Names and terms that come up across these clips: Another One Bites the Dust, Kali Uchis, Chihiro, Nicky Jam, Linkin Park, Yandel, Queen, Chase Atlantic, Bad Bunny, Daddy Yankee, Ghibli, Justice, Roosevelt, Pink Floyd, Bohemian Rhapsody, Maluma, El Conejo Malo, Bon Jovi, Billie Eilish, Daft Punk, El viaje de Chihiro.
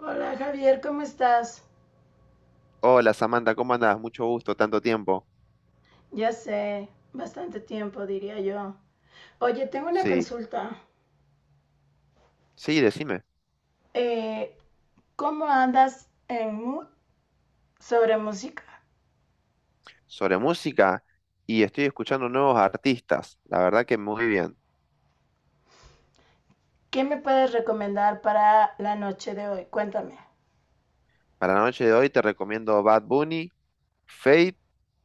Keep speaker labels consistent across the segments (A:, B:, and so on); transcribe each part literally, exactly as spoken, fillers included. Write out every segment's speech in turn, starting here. A: Hola Javier, ¿cómo estás?
B: Hola Samantha, ¿cómo andás? Mucho gusto, tanto tiempo.
A: Ya sé, bastante tiempo diría yo. Oye, tengo una
B: Sí,
A: consulta.
B: sí, decime.
A: Eh, ¿Cómo andas en mood sobre música?
B: Sobre música y estoy escuchando nuevos artistas, la verdad que muy bien.
A: ¿Qué me puedes recomendar para la noche de hoy? Cuéntame.
B: Para la noche de hoy te recomiendo Bad Bunny, Fate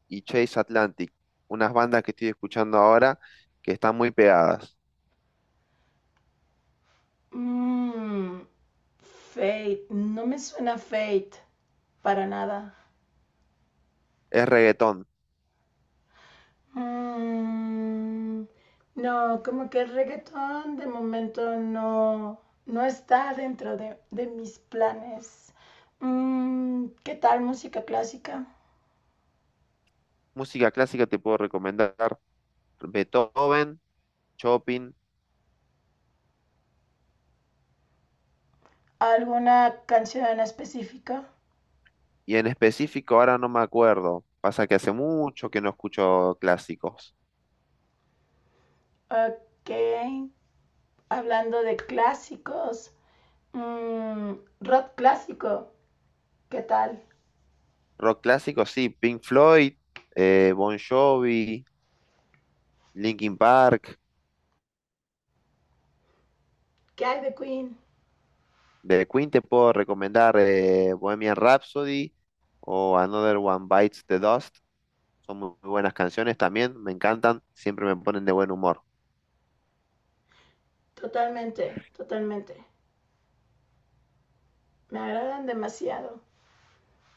B: y Chase Atlantic, unas bandas que estoy escuchando ahora que están muy pegadas.
A: Mmm, Fate, no me suena Fate para nada.
B: Es reggaetón.
A: Mm, no, como que el reggaetón de momento no, no está dentro de, de mis planes. Mm, ¿qué tal música clásica?
B: Música clásica te puedo recomendar Beethoven, Chopin
A: ¿Alguna canción en específico?
B: y en específico ahora no me acuerdo. Pasa que hace mucho que no escucho clásicos.
A: Ok, hablando de clásicos, mm, rock clásico, ¿qué tal?
B: Rock clásico, sí, Pink Floyd, eh, Bon Jovi, Linkin Park,
A: ¿Qué hay de Queen?
B: de Queen te puedo recomendar eh, Bohemian Rhapsody o Another One Bites the Dust. Son muy buenas canciones también, me encantan, siempre me ponen de buen humor.
A: Totalmente, totalmente. Me agradan demasiado.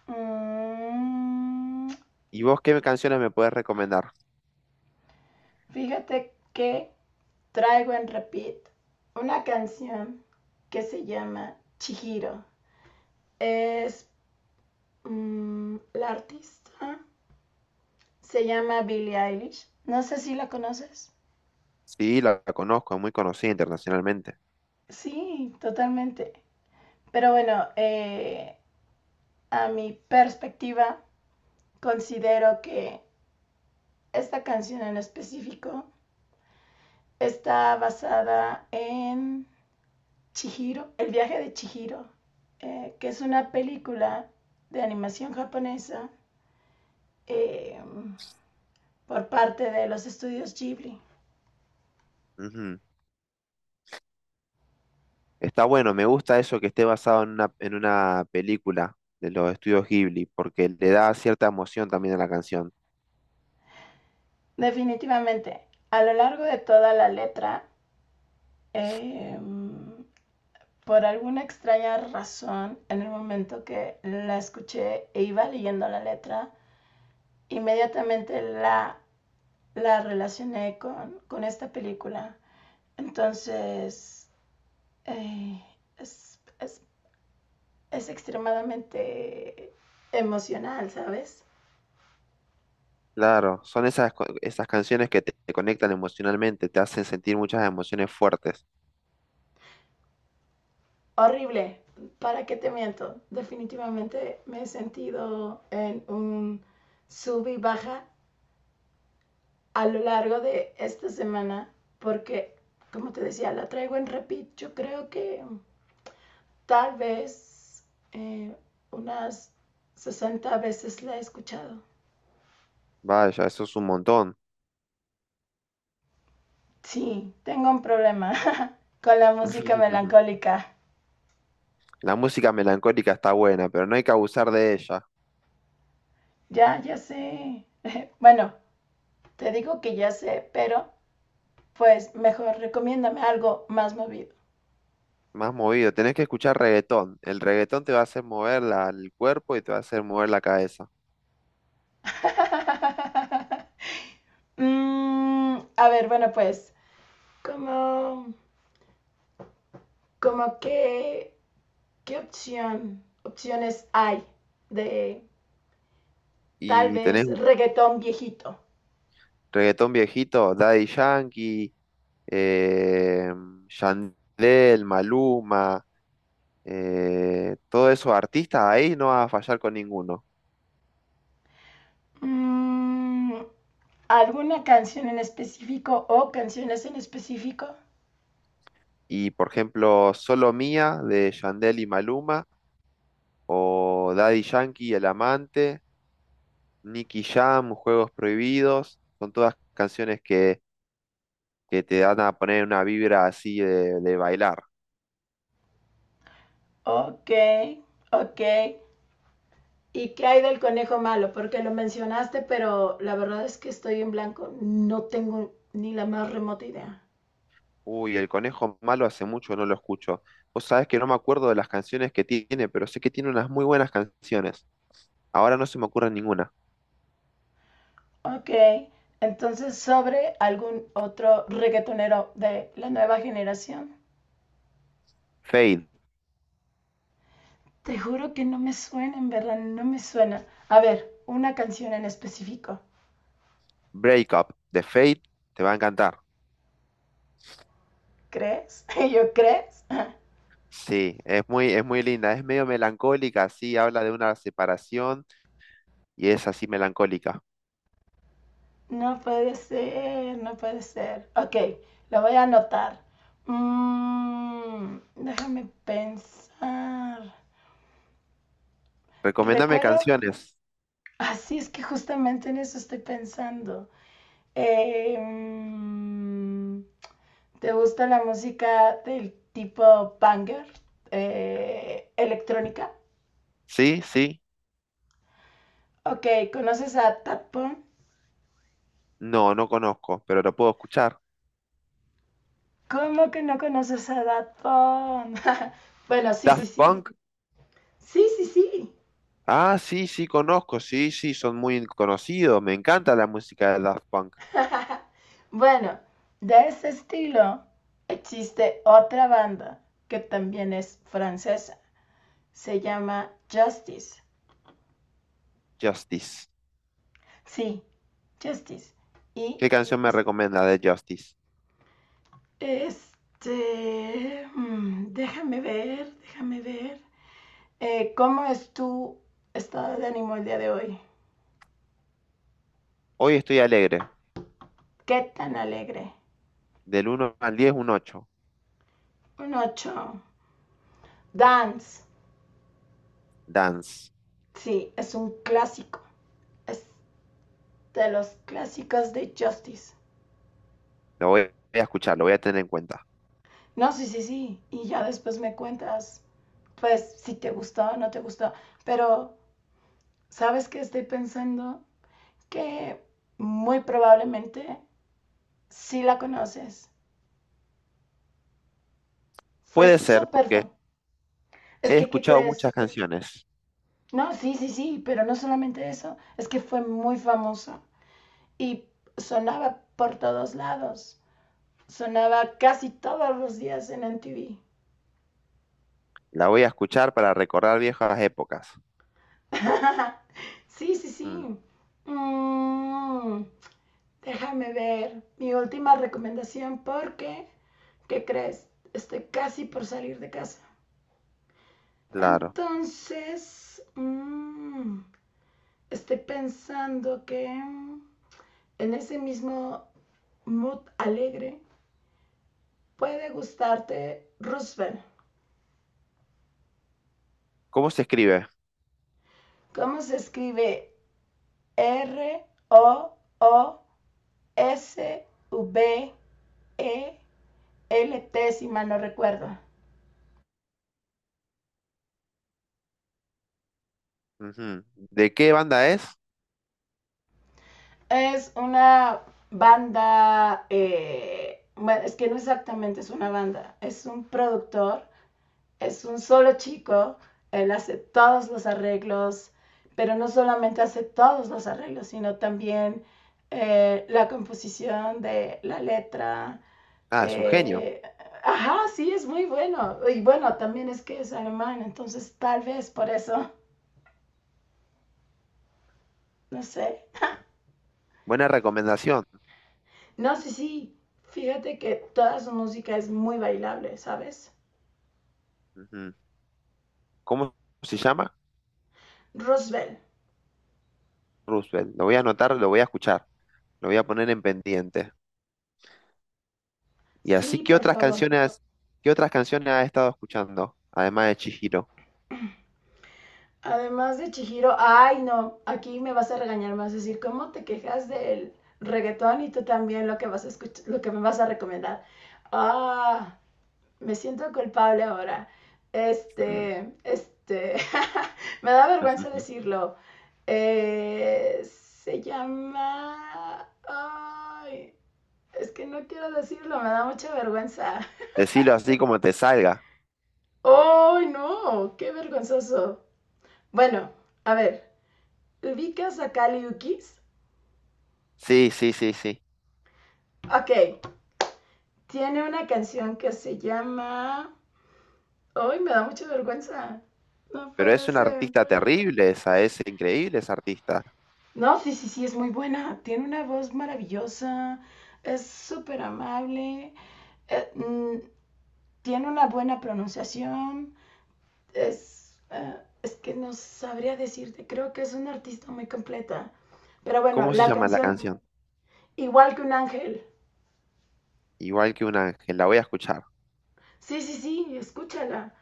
A: Mm,
B: ¿Y vos qué canciones me puedes recomendar?
A: Fíjate que traigo en repeat una canción que se llama Chihiro. Es, mm, la artista, se llama Billie Eilish. No sé si la conoces.
B: Sí, la, la conozco, es muy conocida internacionalmente.
A: Sí, totalmente. Pero bueno, eh, a mi perspectiva, considero que esta canción en específico está basada en Chihiro, El viaje de Chihiro, eh, que es una película de animación japonesa eh, por parte de los estudios Ghibli.
B: Ujú. Está bueno, me gusta eso que esté basado en una, en una película de los estudios Ghibli, porque le da cierta emoción también a la canción.
A: Definitivamente, a lo largo de toda la letra, eh, por alguna extraña razón, en el momento que la escuché e iba leyendo la letra, inmediatamente la, la relacioné con, con esta película. Entonces, eh, es, es, es extremadamente emocional, ¿sabes?
B: Claro, son esas, co- esas canciones que te, te conectan emocionalmente, te hacen sentir muchas emociones fuertes.
A: Horrible. ¿Para qué te miento? Definitivamente me he sentido en un sub y baja a lo largo de esta semana porque, como te decía, la traigo en repeat. Yo creo que tal vez eh, unas sesenta veces la he escuchado.
B: Vaya, eso es un montón.
A: Sí, tengo un problema con la música melancólica.
B: La música melancólica está buena, pero no hay que abusar de ella.
A: Ya, ya sé. Bueno, te digo que ya sé, pero pues mejor recomiéndame algo más movido.
B: Más movido, tenés que escuchar reggaetón. El reggaetón te va a hacer mover la- el cuerpo y te va a hacer mover la cabeza.
A: Mm, a ver, bueno, pues, como, como qué, qué opción, opciones hay de tal
B: Y tenés
A: vez reggaetón viejito.
B: reggaetón viejito, Daddy Yankee, eh, Yandel, Maluma, eh, todos esos artistas, ahí no vas a fallar con ninguno.
A: Mm, ¿Alguna canción en específico o canciones en específico?
B: Y por ejemplo, Solo Mía de Yandel y Maluma, o Daddy Yankee y El Amante, Nicky Jam, Juegos Prohibidos, son todas canciones que, que te dan a poner una vibra así de, de bailar.
A: Ok, ok. ¿Y qué hay del conejo malo? Porque lo mencionaste, pero la verdad es que estoy en blanco. No tengo ni la más remota idea.
B: Uy, El Conejo Malo hace mucho no lo escucho. Vos sabés que no me acuerdo de las canciones que tiene, pero sé que tiene unas muy buenas canciones. Ahora no se me ocurre ninguna.
A: Ok, entonces sobre algún otro reggaetonero de la nueva generación.
B: Fade,
A: Te juro que no me suena, en verdad, no me suena. A ver, una canción en específico.
B: Break Up, de Fade, te va a encantar.
A: ¿Crees? ¿Y yo crees?
B: Sí, es muy, es muy linda, es medio melancólica, sí, habla de una separación y es así melancólica.
A: No puede ser, no puede ser. Ok, lo voy a anotar. Mm, déjame pensar.
B: Recomiéndame
A: ¿Recuerdo?
B: canciones.
A: Así es que justamente en eso estoy pensando. Eh, mm, ¿Te gusta la música del tipo banger, eh, electrónica?
B: ¿Sí? ¿Sí?
A: Ok, ¿conoces a Daft Punk?
B: No, no conozco, pero lo puedo escuchar.
A: ¿Cómo que no conoces a Daft Punk? Bueno, sí, sí,
B: Daft
A: sí.
B: Punk.
A: Sí, sí, sí.
B: Ah, sí, sí, conozco. Sí, sí, son muy conocidos. Me encanta la música de Daft Punk.
A: Bueno, de ese estilo existe otra banda que también es francesa. Se llama Justice.
B: Justice.
A: Sí, Justice. Y
B: ¿Qué canción me recomienda de Justice?
A: este... mm, déjame ver, déjame ver. Eh, ¿Cómo es tu estado de ánimo el día de hoy?
B: Hoy estoy alegre.
A: ¿Qué tan alegre?
B: Del uno al diez, un ocho.
A: Un ocho. Dance.
B: Dance.
A: Sí, es un clásico. Es de los clásicos de Justice.
B: Lo voy voy a escuchar, lo voy a tener en cuenta.
A: No, sí, sí, sí. Y ya después me cuentas, pues, si te gustó o no te gustó. Pero, ¿sabes qué estoy pensando? Que muy probablemente sí la conoces. Fue
B: Puede ser
A: súper
B: porque
A: fan. Es
B: he
A: que, ¿qué
B: escuchado muchas
A: crees?
B: canciones.
A: No, sí, sí, sí, pero no solamente eso, es que fue muy famoso. Y sonaba por todos lados. Sonaba casi todos los días en M T V.
B: La voy a escuchar para recordar viejas épocas.
A: Sí, sí,
B: Mm,
A: sí. Mm, Déjame ver mi última recomendación porque, ¿qué crees? Estoy casi por salir de casa.
B: claro.
A: Entonces, mm, estoy pensando que en ese mismo mood alegre puede gustarte Roosevelt.
B: ¿Cómo se escribe?
A: ¿Cómo se escribe R O O S V E L T, si mal no recuerdo.
B: Ujú. ¿De qué banda es?
A: Es una banda, eh, bueno, es que no exactamente es una banda, es un productor, es un solo chico, él hace todos los arreglos, pero no solamente hace todos los arreglos, sino también eh, la composición de la letra.
B: Ah, es un genio.
A: Eh, ajá, sí, es muy bueno. Y bueno, también es que es alemán, entonces tal vez por eso, no sé.
B: Buena recomendación.
A: No, sí, sí, fíjate que toda su música es muy bailable, ¿sabes?
B: Ujú. ¿Cómo se llama?
A: Roosevelt,
B: Roosevelt. Lo voy a anotar, lo voy a escuchar. Lo voy a poner en pendiente. Y así,
A: sí,
B: ¿qué
A: por
B: otras
A: favor.
B: canciones, qué otras canciones has estado escuchando? Además de Chihiro.
A: Además de Chihiro, ay no, aquí me vas a regañar más, decir, ¿cómo te quejas del reggaetón y tú también lo que vas a escuchar, lo que me vas a recomendar? Ah, me siento culpable ahora.
B: Mm,
A: Este, este, Me da
B: ujú.
A: vergüenza
B: Ujú.
A: decirlo. Eh, se llama... Ay, es que no quiero decirlo, me da mucha vergüenza.
B: Decilo así como te salga.
A: ¡Ay, no! ¡Qué vergonzoso! Bueno, a ver, ¿ubicas a Kali Uchis?
B: Sí, sí, sí, sí.
A: Ok, tiene una canción que se llama... ¡Ay, me da mucha vergüenza! No
B: Pero es
A: puede
B: una
A: ser.
B: artista terrible esa, es increíble esa artista.
A: No, sí, sí, sí, es muy buena. Tiene una voz maravillosa, es súper amable, eh, mm, tiene una buena pronunciación, es, eh, es que no sabría decirte, creo que es una artista muy completa. Pero bueno,
B: ¿Cómo se
A: la
B: llama la
A: canción,
B: canción?
A: igual que un ángel,
B: Igual que un ángel, la voy a escuchar.
A: sí, sí, sí, escúchala.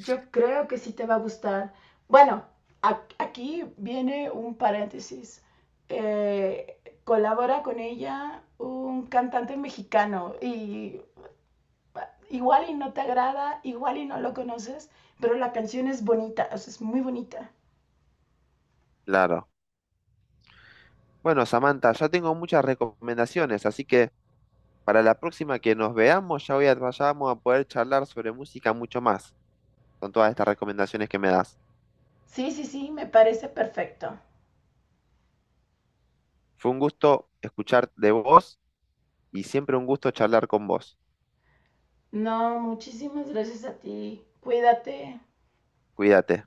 A: Yo creo que sí te va a gustar. Bueno, a- aquí viene un paréntesis. Eh, Colabora con ella un cantante mexicano y ah, igual y no te agrada, igual y no lo conoces, pero la canción es bonita, o sea, es muy bonita.
B: Claro. Bueno, Samantha, ya tengo muchas recomendaciones, así que para la próxima que nos veamos, ya voy a, ya vamos a poder charlar sobre música mucho más, con todas estas recomendaciones que me das.
A: Sí, sí, sí, me parece perfecto.
B: Fue un gusto escuchar de vos y siempre un gusto charlar con vos.
A: No, muchísimas gracias a ti. Cuídate.
B: Cuídate.